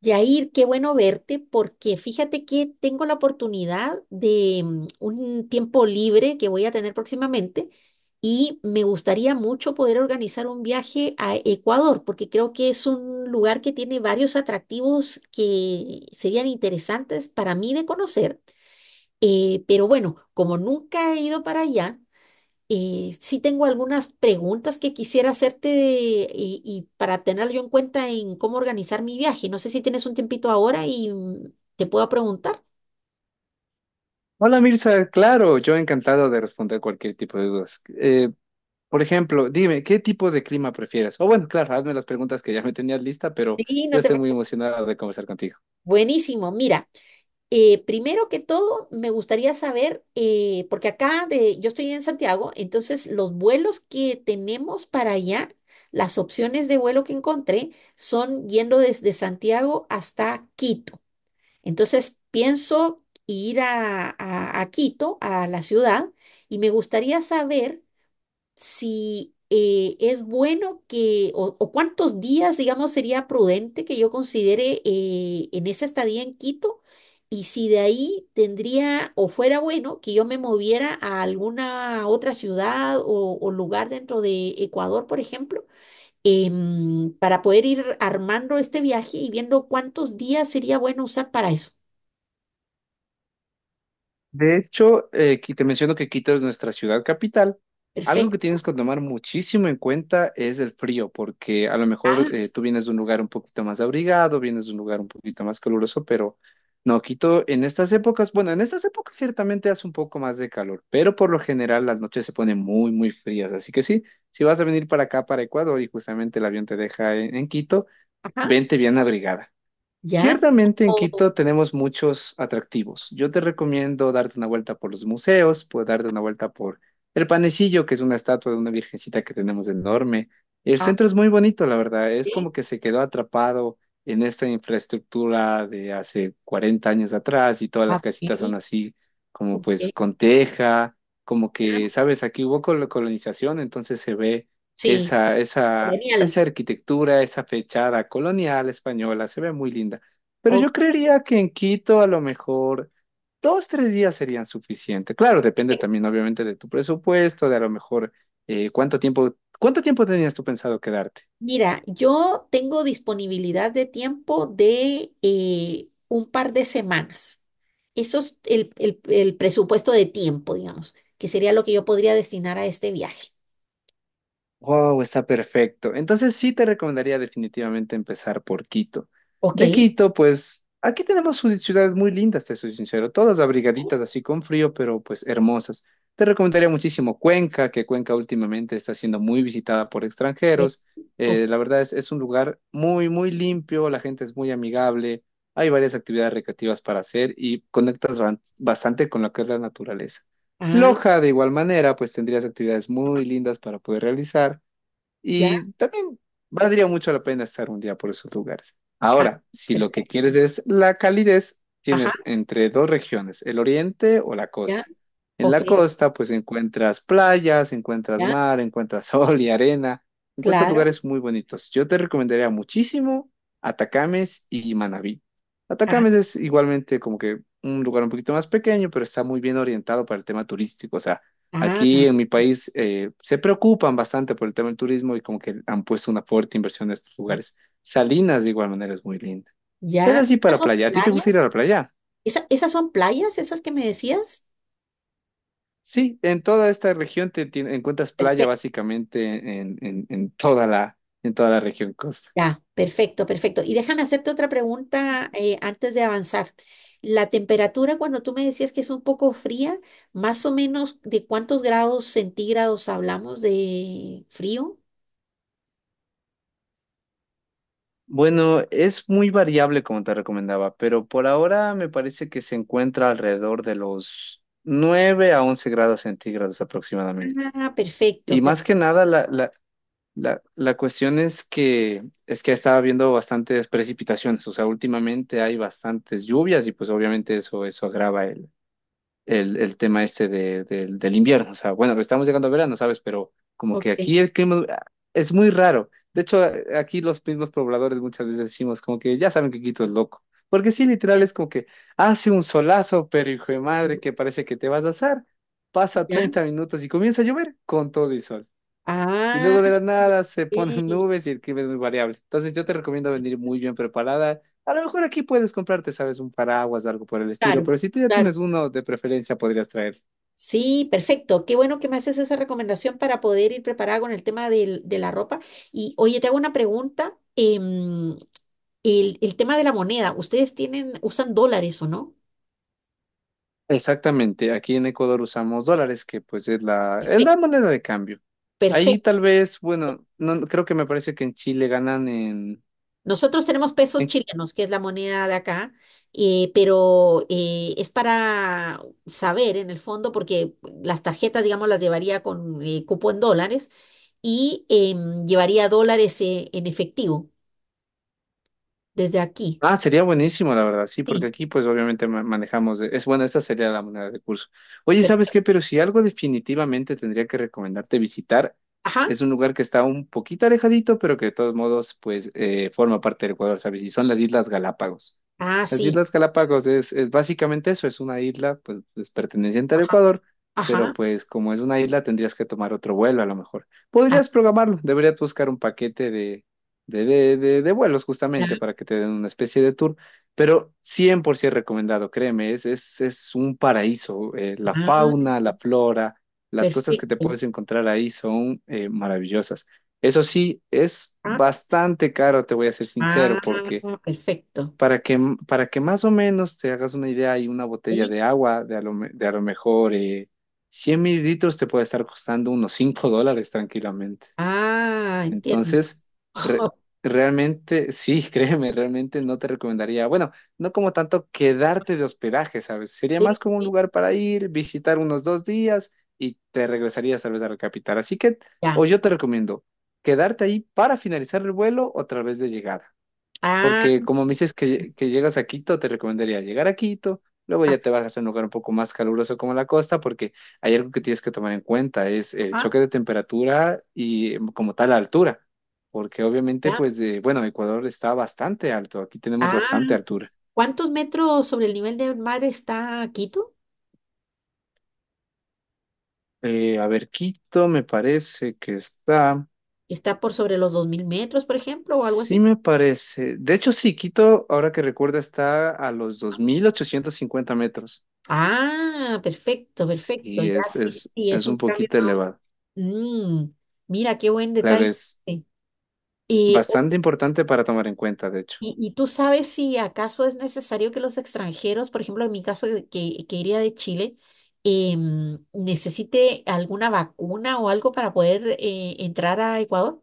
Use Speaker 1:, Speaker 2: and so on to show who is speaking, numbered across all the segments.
Speaker 1: Yair, qué bueno verte porque fíjate que tengo la oportunidad de un tiempo libre que voy a tener próximamente y me gustaría mucho poder organizar un viaje a Ecuador porque creo que es un lugar que tiene varios atractivos que serían interesantes para mí de conocer. Pero bueno, como nunca he ido para allá. Sí tengo algunas preguntas que quisiera hacerte y para tenerlo yo en cuenta en cómo organizar mi viaje. No sé si tienes un tiempito ahora y te puedo preguntar.
Speaker 2: Hola Mirza, claro, yo encantado de responder cualquier tipo de dudas. Por ejemplo, dime, ¿qué tipo de clima prefieres? O bueno, claro, hazme las preguntas que ya me tenías lista, pero
Speaker 1: Sí,
Speaker 2: yo
Speaker 1: no te
Speaker 2: estoy muy
Speaker 1: preocupes.
Speaker 2: emocionado de conversar contigo.
Speaker 1: Buenísimo. Mira, primero que todo, me gustaría saber, porque yo estoy en Santiago, entonces los vuelos que tenemos para allá, las opciones de vuelo que encontré son yendo desde Santiago hasta Quito. Entonces pienso ir a Quito, a la ciudad, y me gustaría saber si es bueno o cuántos días, digamos, sería prudente que yo considere en esa estadía en Quito, y si de ahí tendría o fuera bueno que yo me moviera a alguna otra ciudad o lugar dentro de Ecuador, por ejemplo, para poder ir armando este viaje y viendo cuántos días sería bueno usar para eso.
Speaker 2: De hecho, aquí te menciono que Quito es nuestra ciudad capital. Algo que
Speaker 1: Perfecto.
Speaker 2: tienes que tomar muchísimo en cuenta es el frío, porque a lo mejor
Speaker 1: Ah,
Speaker 2: tú vienes de un lugar un poquito más abrigado, vienes de un lugar un poquito más caluroso, pero no, Quito en estas épocas, bueno, en estas épocas ciertamente hace un poco más de calor, pero por lo general las noches se ponen muy, muy frías. Así que sí, si vas a venir para acá, para Ecuador, y justamente el avión te deja en Quito,
Speaker 1: ajá,
Speaker 2: vente bien abrigada.
Speaker 1: ya.
Speaker 2: Ciertamente en
Speaker 1: Oh,
Speaker 2: Quito tenemos muchos atractivos. Yo te recomiendo darte una vuelta por los museos, puedes darte una vuelta por el Panecillo, que es una estatua de una virgencita que tenemos enorme. El
Speaker 1: ah,
Speaker 2: centro es muy bonito, la verdad. Es
Speaker 1: ok,
Speaker 2: como que se quedó atrapado en esta infraestructura de hace 40 años atrás y todas
Speaker 1: ah,
Speaker 2: las
Speaker 1: ok,
Speaker 2: casitas son así, como pues
Speaker 1: ok,
Speaker 2: con teja, como
Speaker 1: ya.
Speaker 2: que, sabes, aquí hubo colonización, entonces se ve
Speaker 1: Sí,
Speaker 2: esa, esa,
Speaker 1: genial.
Speaker 2: esa arquitectura, esa fechada colonial española, se ve muy linda. Pero
Speaker 1: Ok.
Speaker 2: yo creería que en Quito a lo mejor dos, tres días serían suficientes. Claro, depende también obviamente de tu presupuesto, de a lo mejor cuánto tiempo tenías tú pensado quedarte.
Speaker 1: Mira, yo tengo disponibilidad de tiempo de un par de semanas. Eso es el presupuesto de tiempo, digamos, que sería lo que yo podría destinar a este viaje.
Speaker 2: Wow, está perfecto. Entonces sí te recomendaría definitivamente empezar por Quito.
Speaker 1: Ok.
Speaker 2: De Quito, pues aquí tenemos ciudades muy lindas, te soy sincero, todas abrigaditas así con frío, pero pues hermosas. Te recomendaría muchísimo Cuenca, que Cuenca últimamente está siendo muy visitada por
Speaker 1: Eh,
Speaker 2: extranjeros.
Speaker 1: ok,
Speaker 2: La verdad es un lugar muy, muy limpio, la gente es muy amigable, hay varias actividades recreativas para hacer y conectas bastante con lo que es la naturaleza.
Speaker 1: ah,
Speaker 2: Loja, de igual manera, pues tendrías actividades muy lindas para poder realizar.
Speaker 1: ya.
Speaker 2: Y también valdría mucho la pena estar un día por esos lugares.
Speaker 1: Ah,
Speaker 2: Ahora, si lo que
Speaker 1: perfecto.
Speaker 2: quieres es la calidez,
Speaker 1: Ajá,
Speaker 2: tienes entre dos regiones, el oriente o la
Speaker 1: ya.
Speaker 2: costa. En
Speaker 1: Ok,
Speaker 2: la costa, pues encuentras playas, encuentras
Speaker 1: ya.
Speaker 2: mar, encuentras sol y arena, encuentras
Speaker 1: Claro.
Speaker 2: lugares muy bonitos. Yo te recomendaría muchísimo Atacames y Manabí.
Speaker 1: Ah,
Speaker 2: Atacames es igualmente como que un lugar un poquito más pequeño, pero está muy bien orientado para el tema turístico. O sea, aquí
Speaker 1: ah,
Speaker 2: en mi país se preocupan bastante por el tema del turismo y como que han puesto una fuerte inversión en estos lugares. Salinas de igual manera es muy linda. Es
Speaker 1: ya.
Speaker 2: así
Speaker 1: ¿Esas
Speaker 2: para
Speaker 1: son
Speaker 2: playa. ¿A ti te
Speaker 1: playas?
Speaker 2: gusta ir a la playa?
Speaker 1: ¿Esas son playas, esas que me decías?
Speaker 2: Sí, en toda esta región encuentras playa
Speaker 1: Perfecto,
Speaker 2: básicamente en toda la región costa.
Speaker 1: ya, perfecto, perfecto. Y déjame hacerte otra pregunta antes de avanzar. La temperatura, cuando tú me decías que es un poco fría, ¿más o menos de cuántos grados centígrados hablamos de frío?
Speaker 2: Bueno, es muy variable como te recomendaba, pero por ahora me parece que se encuentra alrededor de los 9 a 11 grados centígrados aproximadamente.
Speaker 1: Ah, perfecto,
Speaker 2: Y más
Speaker 1: perfecto.
Speaker 2: que nada, la cuestión es que estaba viendo bastantes precipitaciones, o sea, últimamente hay bastantes lluvias y pues obviamente eso agrava el tema este de, del invierno. O sea, bueno, estamos llegando a verano, ¿sabes? Pero como
Speaker 1: Ok.
Speaker 2: que aquí el clima es muy raro. De hecho, aquí los mismos pobladores muchas veces decimos como que ya saben que Quito es loco. Porque sí, literal
Speaker 1: Entiendo.
Speaker 2: es como que hace un solazo, pero hijo de madre, que parece que te vas a asar. Pasa
Speaker 1: ¿Ya?
Speaker 2: 30 minutos y comienza a llover con todo y sol. Y
Speaker 1: Ah,
Speaker 2: luego de la nada se ponen
Speaker 1: ok,
Speaker 2: nubes y el clima es muy variable. Entonces yo te recomiendo venir muy bien preparada. A lo mejor aquí puedes comprarte, sabes, un paraguas, algo por el estilo, pero
Speaker 1: claro,
Speaker 2: si tú ya tienes
Speaker 1: claro.
Speaker 2: uno, de preferencia podrías traer.
Speaker 1: Sí, perfecto. Qué bueno que me haces esa recomendación para poder ir preparada con el tema de la ropa. Y oye, te hago una pregunta. El tema de la moneda, ¿ustedes tienen, usan dólares o no?
Speaker 2: Exactamente, aquí en Ecuador usamos dólares, que pues es la
Speaker 1: Perfecto.
Speaker 2: moneda de cambio. Ahí
Speaker 1: Perfecto.
Speaker 2: tal vez, bueno, no, creo que me parece que en Chile ganan en,
Speaker 1: Nosotros tenemos pesos
Speaker 2: en
Speaker 1: chilenos, que es la moneda de acá, pero es para saber en el fondo, porque las tarjetas, digamos, las llevaría con cupo en dólares y llevaría dólares en efectivo desde aquí.
Speaker 2: Ah, Sería buenísimo, la verdad, sí,
Speaker 1: Sí.
Speaker 2: porque aquí pues obviamente manejamos, es bueno, esta sería la moneda de curso. Oye, ¿sabes
Speaker 1: Per-
Speaker 2: qué? Pero si algo definitivamente tendría que recomendarte visitar,
Speaker 1: ajá.
Speaker 2: es un lugar que está un poquito alejadito, pero que de todos modos pues forma parte del Ecuador, ¿sabes? Y son las Islas Galápagos.
Speaker 1: Ah,
Speaker 2: Las
Speaker 1: sí.
Speaker 2: Islas Galápagos es básicamente eso, es una isla pues, perteneciente al
Speaker 1: Ajá,
Speaker 2: Ecuador, pero
Speaker 1: ajá.
Speaker 2: pues como es una isla tendrías que tomar otro vuelo a lo mejor.
Speaker 1: Ah,
Speaker 2: Podrías programarlo, deberías buscar un paquete de vuelos
Speaker 1: ya,
Speaker 2: justamente para que te den una especie de tour, pero 100% recomendado, créeme, es un paraíso. La
Speaker 1: ah,
Speaker 2: fauna, la flora, las cosas que te
Speaker 1: perfecto.
Speaker 2: puedes encontrar ahí son maravillosas. Eso sí, es
Speaker 1: Ah,
Speaker 2: bastante caro, te voy a ser
Speaker 1: ah,
Speaker 2: sincero, porque
Speaker 1: perfecto.
Speaker 2: para que, para que más o menos te hagas una idea, hay una botella
Speaker 1: Sí.
Speaker 2: de agua de a lo mejor 100 mililitros te puede estar costando unos $5 tranquilamente.
Speaker 1: Ah, entiendo.
Speaker 2: Entonces, re- realmente, sí, créeme, realmente no te recomendaría, bueno, no como tanto quedarte de hospedaje, ¿sabes? Sería
Speaker 1: Sí,
Speaker 2: más como un
Speaker 1: sí,
Speaker 2: lugar para ir, visitar unos dos días y te regresarías tal vez a la capital. Así que,
Speaker 1: ya.
Speaker 2: o yo te recomiendo quedarte ahí para finalizar el vuelo o tal vez de llegada.
Speaker 1: Ah,
Speaker 2: Porque como me dices que llegas a Quito, te recomendaría llegar a Quito, luego ya te bajas a un lugar un poco más caluroso como la costa, porque hay algo que tienes que tomar en cuenta, es el
Speaker 1: ajá,
Speaker 2: choque de temperatura y como tal la altura, porque obviamente
Speaker 1: ya.
Speaker 2: pues, bueno, Ecuador está bastante alto, aquí tenemos
Speaker 1: Ah,
Speaker 2: bastante altura.
Speaker 1: ¿cuántos metros sobre el nivel del mar está Quito?
Speaker 2: A ver, Quito me parece que está,
Speaker 1: ¿Está por sobre los 2000 metros, por ejemplo, o algo
Speaker 2: sí
Speaker 1: así?
Speaker 2: me parece, de hecho sí, Quito, ahora que recuerdo, está a los 2850 metros.
Speaker 1: Ah, perfecto, perfecto.
Speaker 2: Sí,
Speaker 1: Ya
Speaker 2: es,
Speaker 1: sí, sí,
Speaker 2: es,
Speaker 1: sí, es
Speaker 2: es
Speaker 1: un
Speaker 2: un
Speaker 1: cambio.
Speaker 2: poquito
Speaker 1: Más o-
Speaker 2: elevado.
Speaker 1: Mm, mira, qué buen
Speaker 2: Claro,
Speaker 1: detalle.
Speaker 2: es
Speaker 1: Eh,
Speaker 2: bastante importante para tomar en cuenta, de hecho.
Speaker 1: ¿Y, y tú sabes si acaso es necesario que los extranjeros, por ejemplo, en mi caso que iría de Chile, necesite alguna vacuna o algo para poder entrar a Ecuador?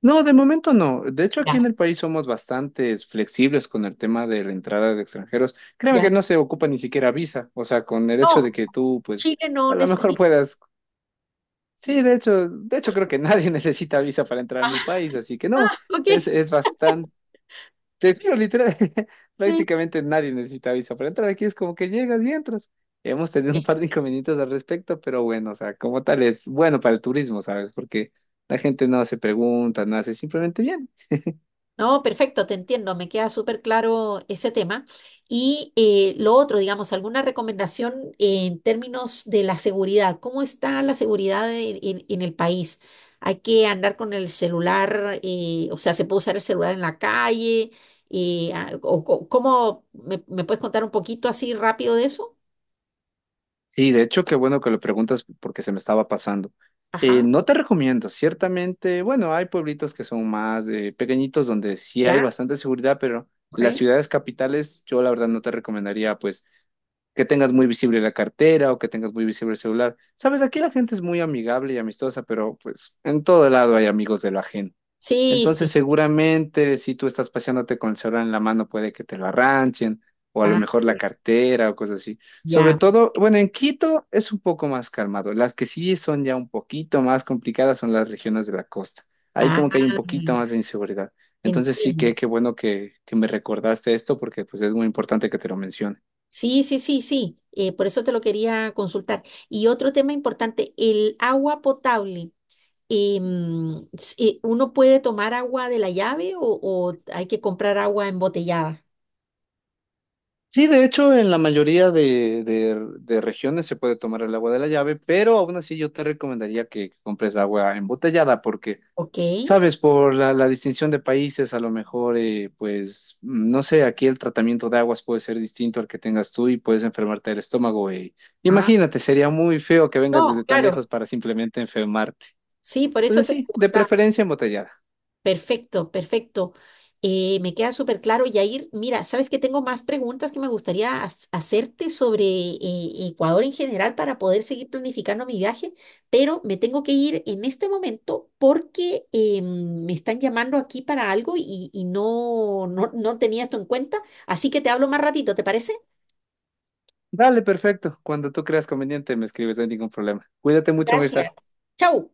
Speaker 2: No, de momento no. De hecho, aquí en
Speaker 1: Ya,
Speaker 2: el país somos bastante flexibles con el tema de la entrada de extranjeros. Créeme
Speaker 1: ya.
Speaker 2: que no se ocupa ni siquiera visa. O sea, con el hecho
Speaker 1: No,
Speaker 2: de que tú, pues,
Speaker 1: Chile no
Speaker 2: a lo mejor
Speaker 1: necesita.
Speaker 2: puedas. Sí, de hecho creo que nadie necesita visa para entrar a mi país, así que no,
Speaker 1: Ah,
Speaker 2: es,
Speaker 1: ok,
Speaker 2: es bastante. Te juro, literal,
Speaker 1: sí.
Speaker 2: prácticamente nadie necesita visa para entrar. Aquí es como que llegas y entras. Hemos tenido un par de inconvenientes al respecto, pero bueno, o sea, como tal es bueno para el turismo, ¿sabes? Porque la gente no se pregunta, no hace simplemente bien.
Speaker 1: No, perfecto, te entiendo, me queda súper claro ese tema. Y lo otro, digamos, alguna recomendación en términos de la seguridad. ¿Cómo está la seguridad en, en el país? ¿Hay que andar con el celular, o sea, se puede usar el celular en la calle? ¿Cómo me puedes contar un poquito así rápido de eso?
Speaker 2: Sí, de hecho, qué bueno que lo preguntas porque se me estaba pasando.
Speaker 1: Ajá,
Speaker 2: No te recomiendo, ciertamente, bueno, hay pueblitos que son más pequeñitos donde sí hay
Speaker 1: ya,
Speaker 2: bastante seguridad, pero
Speaker 1: ok.
Speaker 2: las ciudades capitales yo la verdad no te recomendaría, pues que tengas muy visible la cartera o que tengas muy visible el celular. Sabes, aquí la gente es muy amigable y amistosa, pero pues en todo lado hay amigos de lo ajeno.
Speaker 1: Sí,
Speaker 2: Entonces,
Speaker 1: sí,
Speaker 2: seguramente si tú estás paseándote con el celular en la mano, puede que te lo arranchen o a lo
Speaker 1: ah,
Speaker 2: mejor la cartera o cosas así. Sobre
Speaker 1: ya,
Speaker 2: todo, bueno, en Quito es un poco más calmado. Las que sí son ya un poquito más complicadas son las regiones de la costa. Ahí
Speaker 1: ah,
Speaker 2: como que hay un poquito más de inseguridad. Entonces sí que
Speaker 1: entiendo.
Speaker 2: qué bueno que me recordaste esto porque pues es muy importante que te lo mencione.
Speaker 1: Sí, sí, sí, sí. Por eso te lo quería consultar. Y otro tema importante, el agua potable. ¿Uno puede tomar agua de la llave o hay que comprar agua embotellada?
Speaker 2: Sí, de hecho, en la mayoría de regiones se puede tomar el agua de la llave, pero aún así yo te recomendaría que compres agua embotellada porque,
Speaker 1: Ok.
Speaker 2: sabes, por la distinción de países, a lo mejor, pues, no sé, aquí el tratamiento de aguas puede ser distinto al que tengas tú y puedes enfermarte del estómago.
Speaker 1: Ah,
Speaker 2: Imagínate, sería muy feo que vengas
Speaker 1: no,
Speaker 2: desde tan
Speaker 1: claro.
Speaker 2: lejos para simplemente enfermarte.
Speaker 1: Sí, por eso
Speaker 2: Entonces,
Speaker 1: te
Speaker 2: sí, de
Speaker 1: preguntaba.
Speaker 2: preferencia embotellada.
Speaker 1: Perfecto, perfecto. Me queda súper claro, Yair. Mira, sabes que tengo más preguntas que me gustaría hacerte sobre Ecuador en general para poder seguir planificando mi viaje, pero me tengo que ir en este momento porque me están llamando aquí para algo y no tenía esto en cuenta. Así que te hablo más ratito, ¿te parece?
Speaker 2: Dale, perfecto. Cuando tú creas conveniente, me escribes, no hay ningún problema. Cuídate mucho,
Speaker 1: Gracias.
Speaker 2: Mirza.
Speaker 1: Chau.